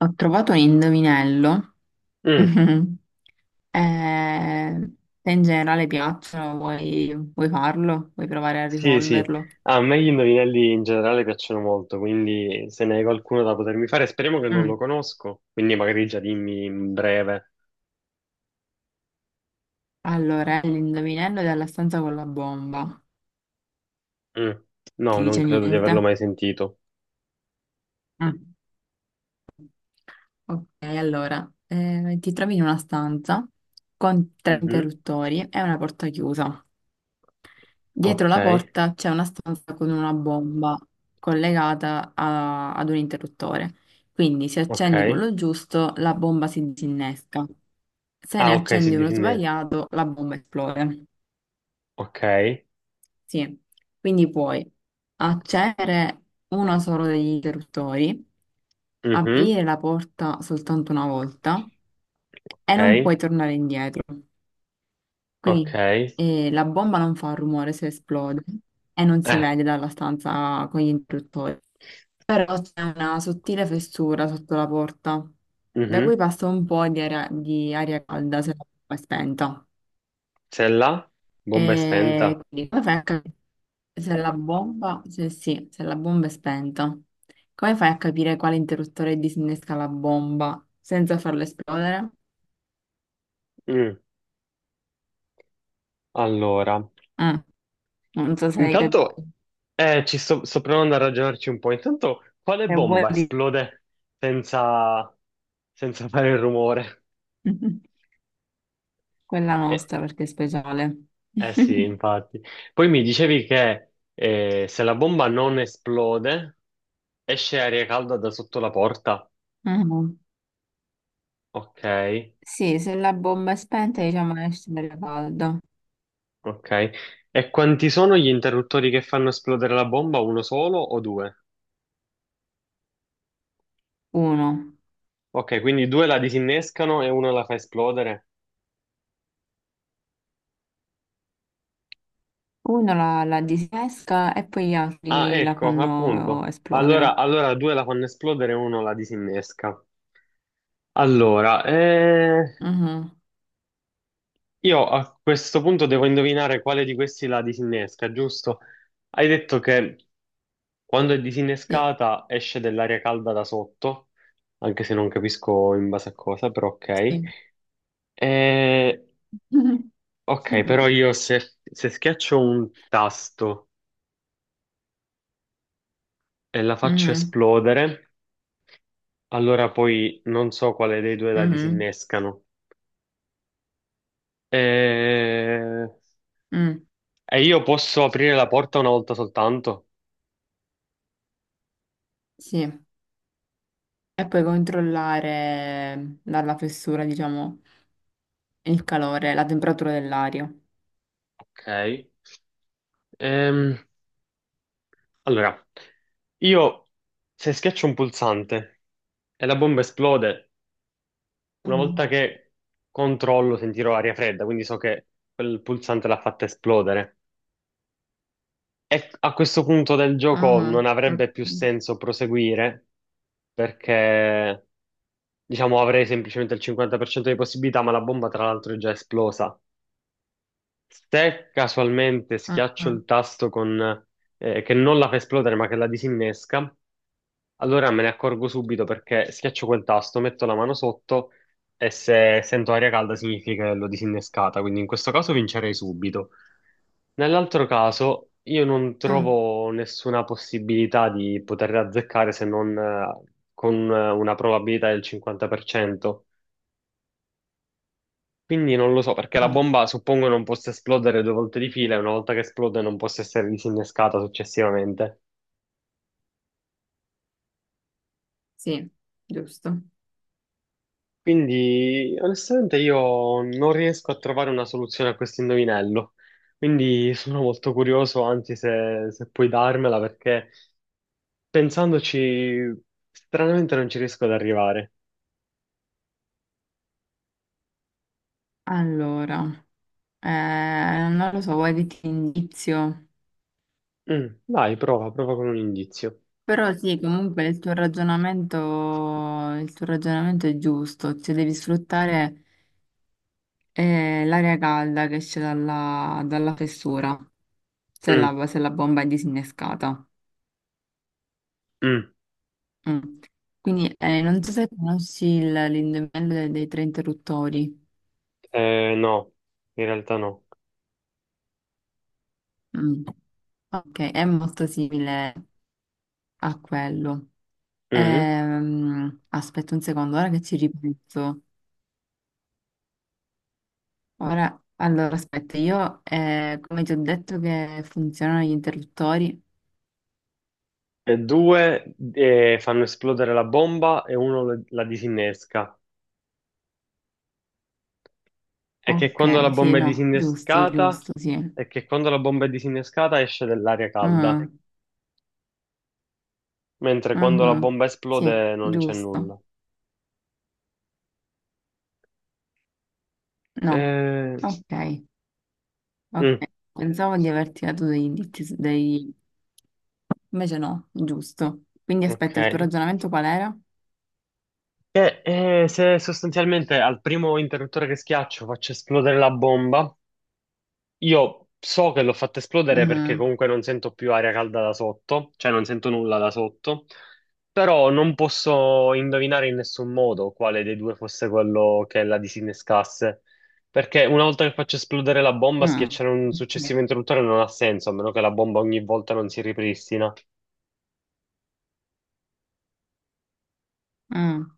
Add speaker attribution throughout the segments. Speaker 1: Ho trovato un indovinello.
Speaker 2: Mm,
Speaker 1: Eh, te in generale piacciono, vuoi farlo? Vuoi provare a
Speaker 2: sì, sì.
Speaker 1: risolverlo?
Speaker 2: Ah, a me gli indovinelli in generale piacciono molto, quindi se ne hai qualcuno da potermi fare, speriamo che non lo
Speaker 1: Mm.
Speaker 2: conosco, quindi magari già dimmi in breve.
Speaker 1: Allora, è l'indovinello della stanza con la bomba.
Speaker 2: Mm, no,
Speaker 1: Ti
Speaker 2: non
Speaker 1: dice
Speaker 2: credo di
Speaker 1: niente?
Speaker 2: averlo mai sentito.
Speaker 1: Mm. Ok, allora, ti trovi in una stanza con tre
Speaker 2: Mhm,
Speaker 1: interruttori e una porta chiusa. Dietro
Speaker 2: ok,
Speaker 1: la porta c'è una stanza con una bomba collegata ad un interruttore. Quindi se accendi
Speaker 2: ok.
Speaker 1: quello giusto, la bomba si disinnesca. Se ne
Speaker 2: Ah, ok, si
Speaker 1: accendi uno
Speaker 2: disinnesca.
Speaker 1: sbagliato, la bomba esplode.
Speaker 2: Ok,
Speaker 1: Sì. Quindi puoi accendere uno solo degli interruttori,
Speaker 2: mhm,
Speaker 1: aprire la porta soltanto una volta
Speaker 2: ok,
Speaker 1: e non puoi tornare indietro. Quindi
Speaker 2: ok.
Speaker 1: la bomba non fa rumore se esplode e non si
Speaker 2: Eh,
Speaker 1: vede dalla stanza con gli interruttori. Però c'è una sottile fessura sotto la porta, da cui
Speaker 2: mhm.
Speaker 1: passa un po' di aria calda se la bomba è spenta.
Speaker 2: Se la bomba è
Speaker 1: E
Speaker 2: spenta.
Speaker 1: quindi come fai a capire se la bomba, se sì, se la bomba è spenta, come fai a capire quale interruttore disinnesca la bomba senza farla esplodere?
Speaker 2: Mm, allora.
Speaker 1: Eh, non so se hai capito.
Speaker 2: Intanto, sto provando a ragionarci un po'. Intanto, quale
Speaker 1: Se vuoi
Speaker 2: bomba
Speaker 1: di
Speaker 2: esplode senza, senza fare il rumore?
Speaker 1: quella
Speaker 2: Eh,
Speaker 1: nostra perché è speciale.
Speaker 2: eh sì, infatti. Poi mi dicevi che se la bomba non esplode, esce aria calda da sotto la porta.
Speaker 1: Mhm.
Speaker 2: Ok,
Speaker 1: Sì, se la bomba è spenta, diciamo esce l'aria calda.
Speaker 2: ok. E quanti sono gli interruttori che fanno esplodere la bomba? Uno solo o due?
Speaker 1: Uno.
Speaker 2: Ok, quindi due la disinnescano e uno la fa esplodere.
Speaker 1: Uno la disesca e poi gli
Speaker 2: Ah,
Speaker 1: altri la
Speaker 2: ecco,
Speaker 1: fanno
Speaker 2: appunto. Allora,
Speaker 1: esplodere.
Speaker 2: allora due la fanno esplodere e uno la disinnesca. Allora,
Speaker 1: Mhm,
Speaker 2: io a questo punto devo indovinare quale di questi la disinnesca, giusto? Hai detto che quando è
Speaker 1: sì,
Speaker 2: disinnescata esce dell'aria calda da sotto, anche se non capisco in base a cosa, però ok.
Speaker 1: sì.
Speaker 2: Eh, ok, però
Speaker 1: Mhm,
Speaker 2: io se schiaccio un tasto e la faccio
Speaker 1: mhm,
Speaker 2: esplodere, allora poi non so quale dei due la
Speaker 1: mhm,
Speaker 2: disinnescano. Eh,
Speaker 1: mm,
Speaker 2: E io posso aprire la porta una volta soltanto.
Speaker 1: sì. E poi controllare dalla fessura, diciamo, il calore, la temperatura dell'aria.
Speaker 2: Ok. Ehm, allora, io se schiaccio un pulsante e la bomba esplode, una
Speaker 1: Mhm,
Speaker 2: volta che controllo sentirò aria fredda, quindi so che quel pulsante l'ha fatta esplodere. E a questo punto del gioco non
Speaker 1: mhm,
Speaker 2: avrebbe più
Speaker 1: mhm,
Speaker 2: senso proseguire perché, diciamo, avrei semplicemente il 50% di possibilità, ma la bomba tra l'altro è già esplosa. Se casualmente schiaccio il
Speaker 1: mhm,
Speaker 2: tasto con, che non la fa esplodere ma che la disinnesca, allora me ne accorgo subito perché schiaccio quel tasto, metto la mano sotto e se sento aria calda significa che l'ho disinnescata, quindi in questo caso vincerei subito. Nell'altro caso io non
Speaker 1: mhm,
Speaker 2: trovo nessuna possibilità di poter azzeccare se non con una probabilità del 50%. Quindi non lo so, perché la
Speaker 1: mhm.
Speaker 2: bomba suppongo non possa esplodere due volte di fila e una volta che esplode non possa essere disinnescata successivamente.
Speaker 1: Sì, giusto.
Speaker 2: Quindi onestamente io non riesco a trovare una soluzione a questo indovinello. Quindi sono molto curioso, anzi se puoi darmela, perché pensandoci stranamente non ci riesco ad arrivare.
Speaker 1: Allora, eh, non lo so, vuoi dirti indizio?
Speaker 2: Mm, vai, prova, prova con un indizio.
Speaker 1: Però sì, comunque il tuo ragionamento è giusto, cioè devi sfruttare l'aria calda che esce dalla fessura,
Speaker 2: Mm,
Speaker 1: se la bomba è disinnescata.
Speaker 2: mm.
Speaker 1: Mm. Quindi non so se conosci l'indovinello dei tre interruttori.
Speaker 2: No, in realtà no.
Speaker 1: Mm. Ok, è molto simile a quello.
Speaker 2: Mm.
Speaker 1: Aspetta un secondo, ora che ci ripenso. Ora, allora aspetta, io come ti ho detto che funzionano gli interruttori?
Speaker 2: E due fanno esplodere la bomba e uno la disinnesca. E che quando la
Speaker 1: Ok, sì,
Speaker 2: bomba è
Speaker 1: no, giusto,
Speaker 2: disinnescata,
Speaker 1: giusto, sì.
Speaker 2: È che quando la bomba è disinnescata esce dell'aria calda,
Speaker 1: Mhm,
Speaker 2: mentre quando la
Speaker 1: mhm,
Speaker 2: bomba
Speaker 1: sì,
Speaker 2: esplode non c'è
Speaker 1: giusto.
Speaker 2: nulla.
Speaker 1: No,
Speaker 2: Eh,
Speaker 1: ok, ok.
Speaker 2: mm,
Speaker 1: Pensavo di averti dato dei indizi, dei... invece no, giusto. Quindi
Speaker 2: ok.
Speaker 1: aspetta, il tuo ragionamento qual era?
Speaker 2: Se sostanzialmente al primo interruttore che schiaccio faccio esplodere la bomba, io so che l'ho fatta esplodere perché
Speaker 1: Mhm,
Speaker 2: comunque non sento più aria calda da sotto, cioè non sento nulla da sotto, però non posso indovinare in nessun modo quale dei due fosse quello che la disinnescasse, perché una volta che faccio esplodere la bomba,
Speaker 1: mm,
Speaker 2: schiacciare un successivo interruttore non ha senso, a meno che la bomba ogni volta non si ripristina.
Speaker 1: ok. Mm,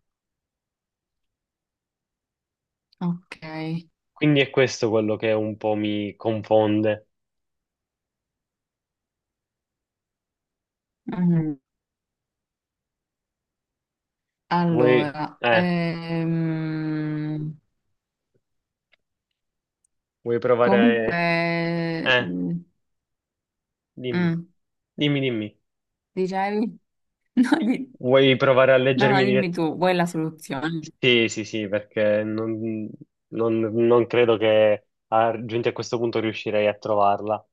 Speaker 1: ok.
Speaker 2: Quindi è questo quello che un po' mi confonde.
Speaker 1: Mhm.
Speaker 2: Vuoi,
Speaker 1: Allora,
Speaker 2: eh, Vuoi provare?
Speaker 1: comunque,
Speaker 2: Eh,
Speaker 1: mm,
Speaker 2: Dimmi,
Speaker 1: mm,
Speaker 2: dimmi, dimmi.
Speaker 1: dicevi? No,
Speaker 2: Vuoi provare a
Speaker 1: no, no,
Speaker 2: leggermi
Speaker 1: dimmi
Speaker 2: direttamente?
Speaker 1: tu, vuoi la soluzione?
Speaker 2: Sì, sì, sì, perché non credo che giunti a questo punto riuscirei a trovarla.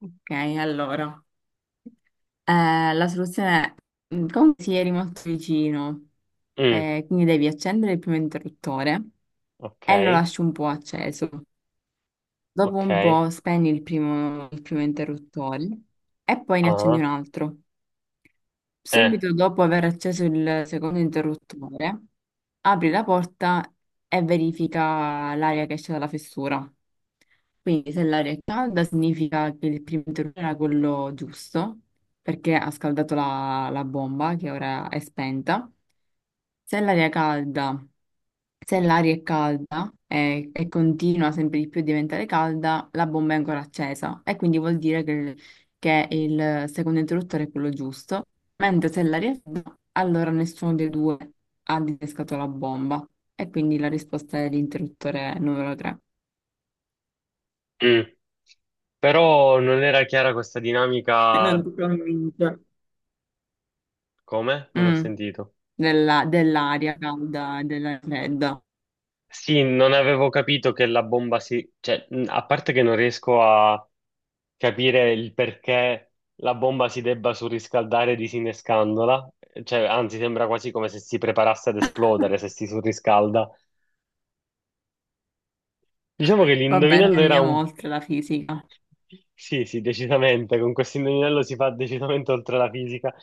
Speaker 1: Ok, allora. La soluzione è, mm, come si eri molto vicino,
Speaker 2: Mm,
Speaker 1: quindi devi accendere il primo interruttore
Speaker 2: ok,
Speaker 1: e lo lasci un po' acceso. Dopo un
Speaker 2: ok.
Speaker 1: po' spegni il primo interruttore e poi ne accendi un
Speaker 2: Ah,
Speaker 1: altro.
Speaker 2: eh,
Speaker 1: Subito dopo aver acceso il secondo interruttore, apri la porta e verifica l'aria che esce dalla fessura. Quindi se l'aria è calda significa che il primo interruttore era quello giusto, perché ha scaldato la bomba che ora è spenta. Se l'aria è calda se l'aria è calda continua sempre di più a diventare calda, la bomba è ancora accesa e quindi vuol dire che il secondo interruttore è quello giusto, mentre se l'aria è fredda, allora nessuno dei due ha disescato la bomba e quindi la risposta è l'interruttore numero 3.
Speaker 2: mm. Però non era chiara questa dinamica.
Speaker 1: Non ti convince.
Speaker 2: Come? Non ho
Speaker 1: Mm,
Speaker 2: sentito.
Speaker 1: dell'aria calda e della fredda.
Speaker 2: Sì, non avevo capito che la bomba si, cioè, a parte che non riesco a capire il perché la bomba si debba surriscaldare disinnescandola, cioè, anzi, sembra quasi come se si preparasse ad esplodere se si surriscalda. Diciamo che
Speaker 1: Va bene,
Speaker 2: l'indovinello era
Speaker 1: andiamo
Speaker 2: un.
Speaker 1: oltre la fisica.
Speaker 2: Sì, sì, decisamente, con questo indovinello si fa decisamente oltre la fisica.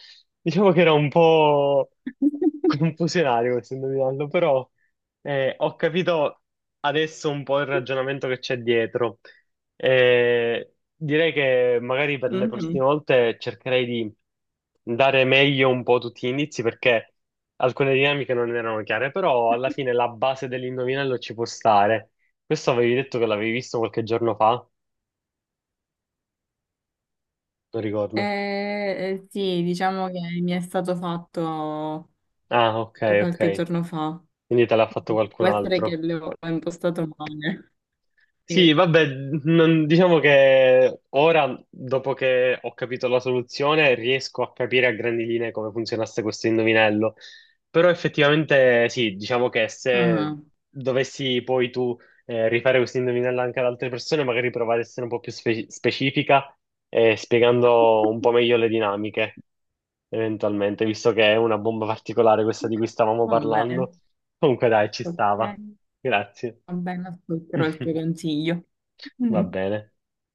Speaker 2: Diciamo che era un po' confusionario questo indovinello, però ho capito adesso un po' il ragionamento che c'è dietro. Direi che magari per le
Speaker 1: Mhm.
Speaker 2: prossime volte cercherei di dare meglio un po' tutti gli indizi perché alcune dinamiche non erano chiare, però alla fine la base dell'indovinello ci può stare. Questo avevi detto che l'avevi visto qualche giorno fa, non ricordo.
Speaker 1: Eh, eh, sì, diciamo che mi è stato fatto
Speaker 2: Ah, ok, ok.
Speaker 1: qualche giorno fa.
Speaker 2: Quindi te l'ha fatto
Speaker 1: Quindi
Speaker 2: qualcun
Speaker 1: può essere che
Speaker 2: altro.
Speaker 1: l'ho impostato male. Sì.
Speaker 2: Sì, vabbè, diciamo che ora, dopo che ho capito la soluzione, riesco a capire a grandi linee come funzionasse questo indovinello. Però effettivamente sì, diciamo che se
Speaker 1: Mhm.
Speaker 2: dovessi poi tu rifare questo indovinello anche ad altre persone, magari provare ad essere un po' più specifica, spiegando un po' meglio le dinamiche, eventualmente, visto che è una bomba particolare questa di cui stavamo
Speaker 1: Va bene,
Speaker 2: parlando. Comunque dai, ci
Speaker 1: ok.
Speaker 2: stava. Grazie.
Speaker 1: Va bene, ascolterò il tuo consiglio.
Speaker 2: Va
Speaker 1: Mm.
Speaker 2: bene.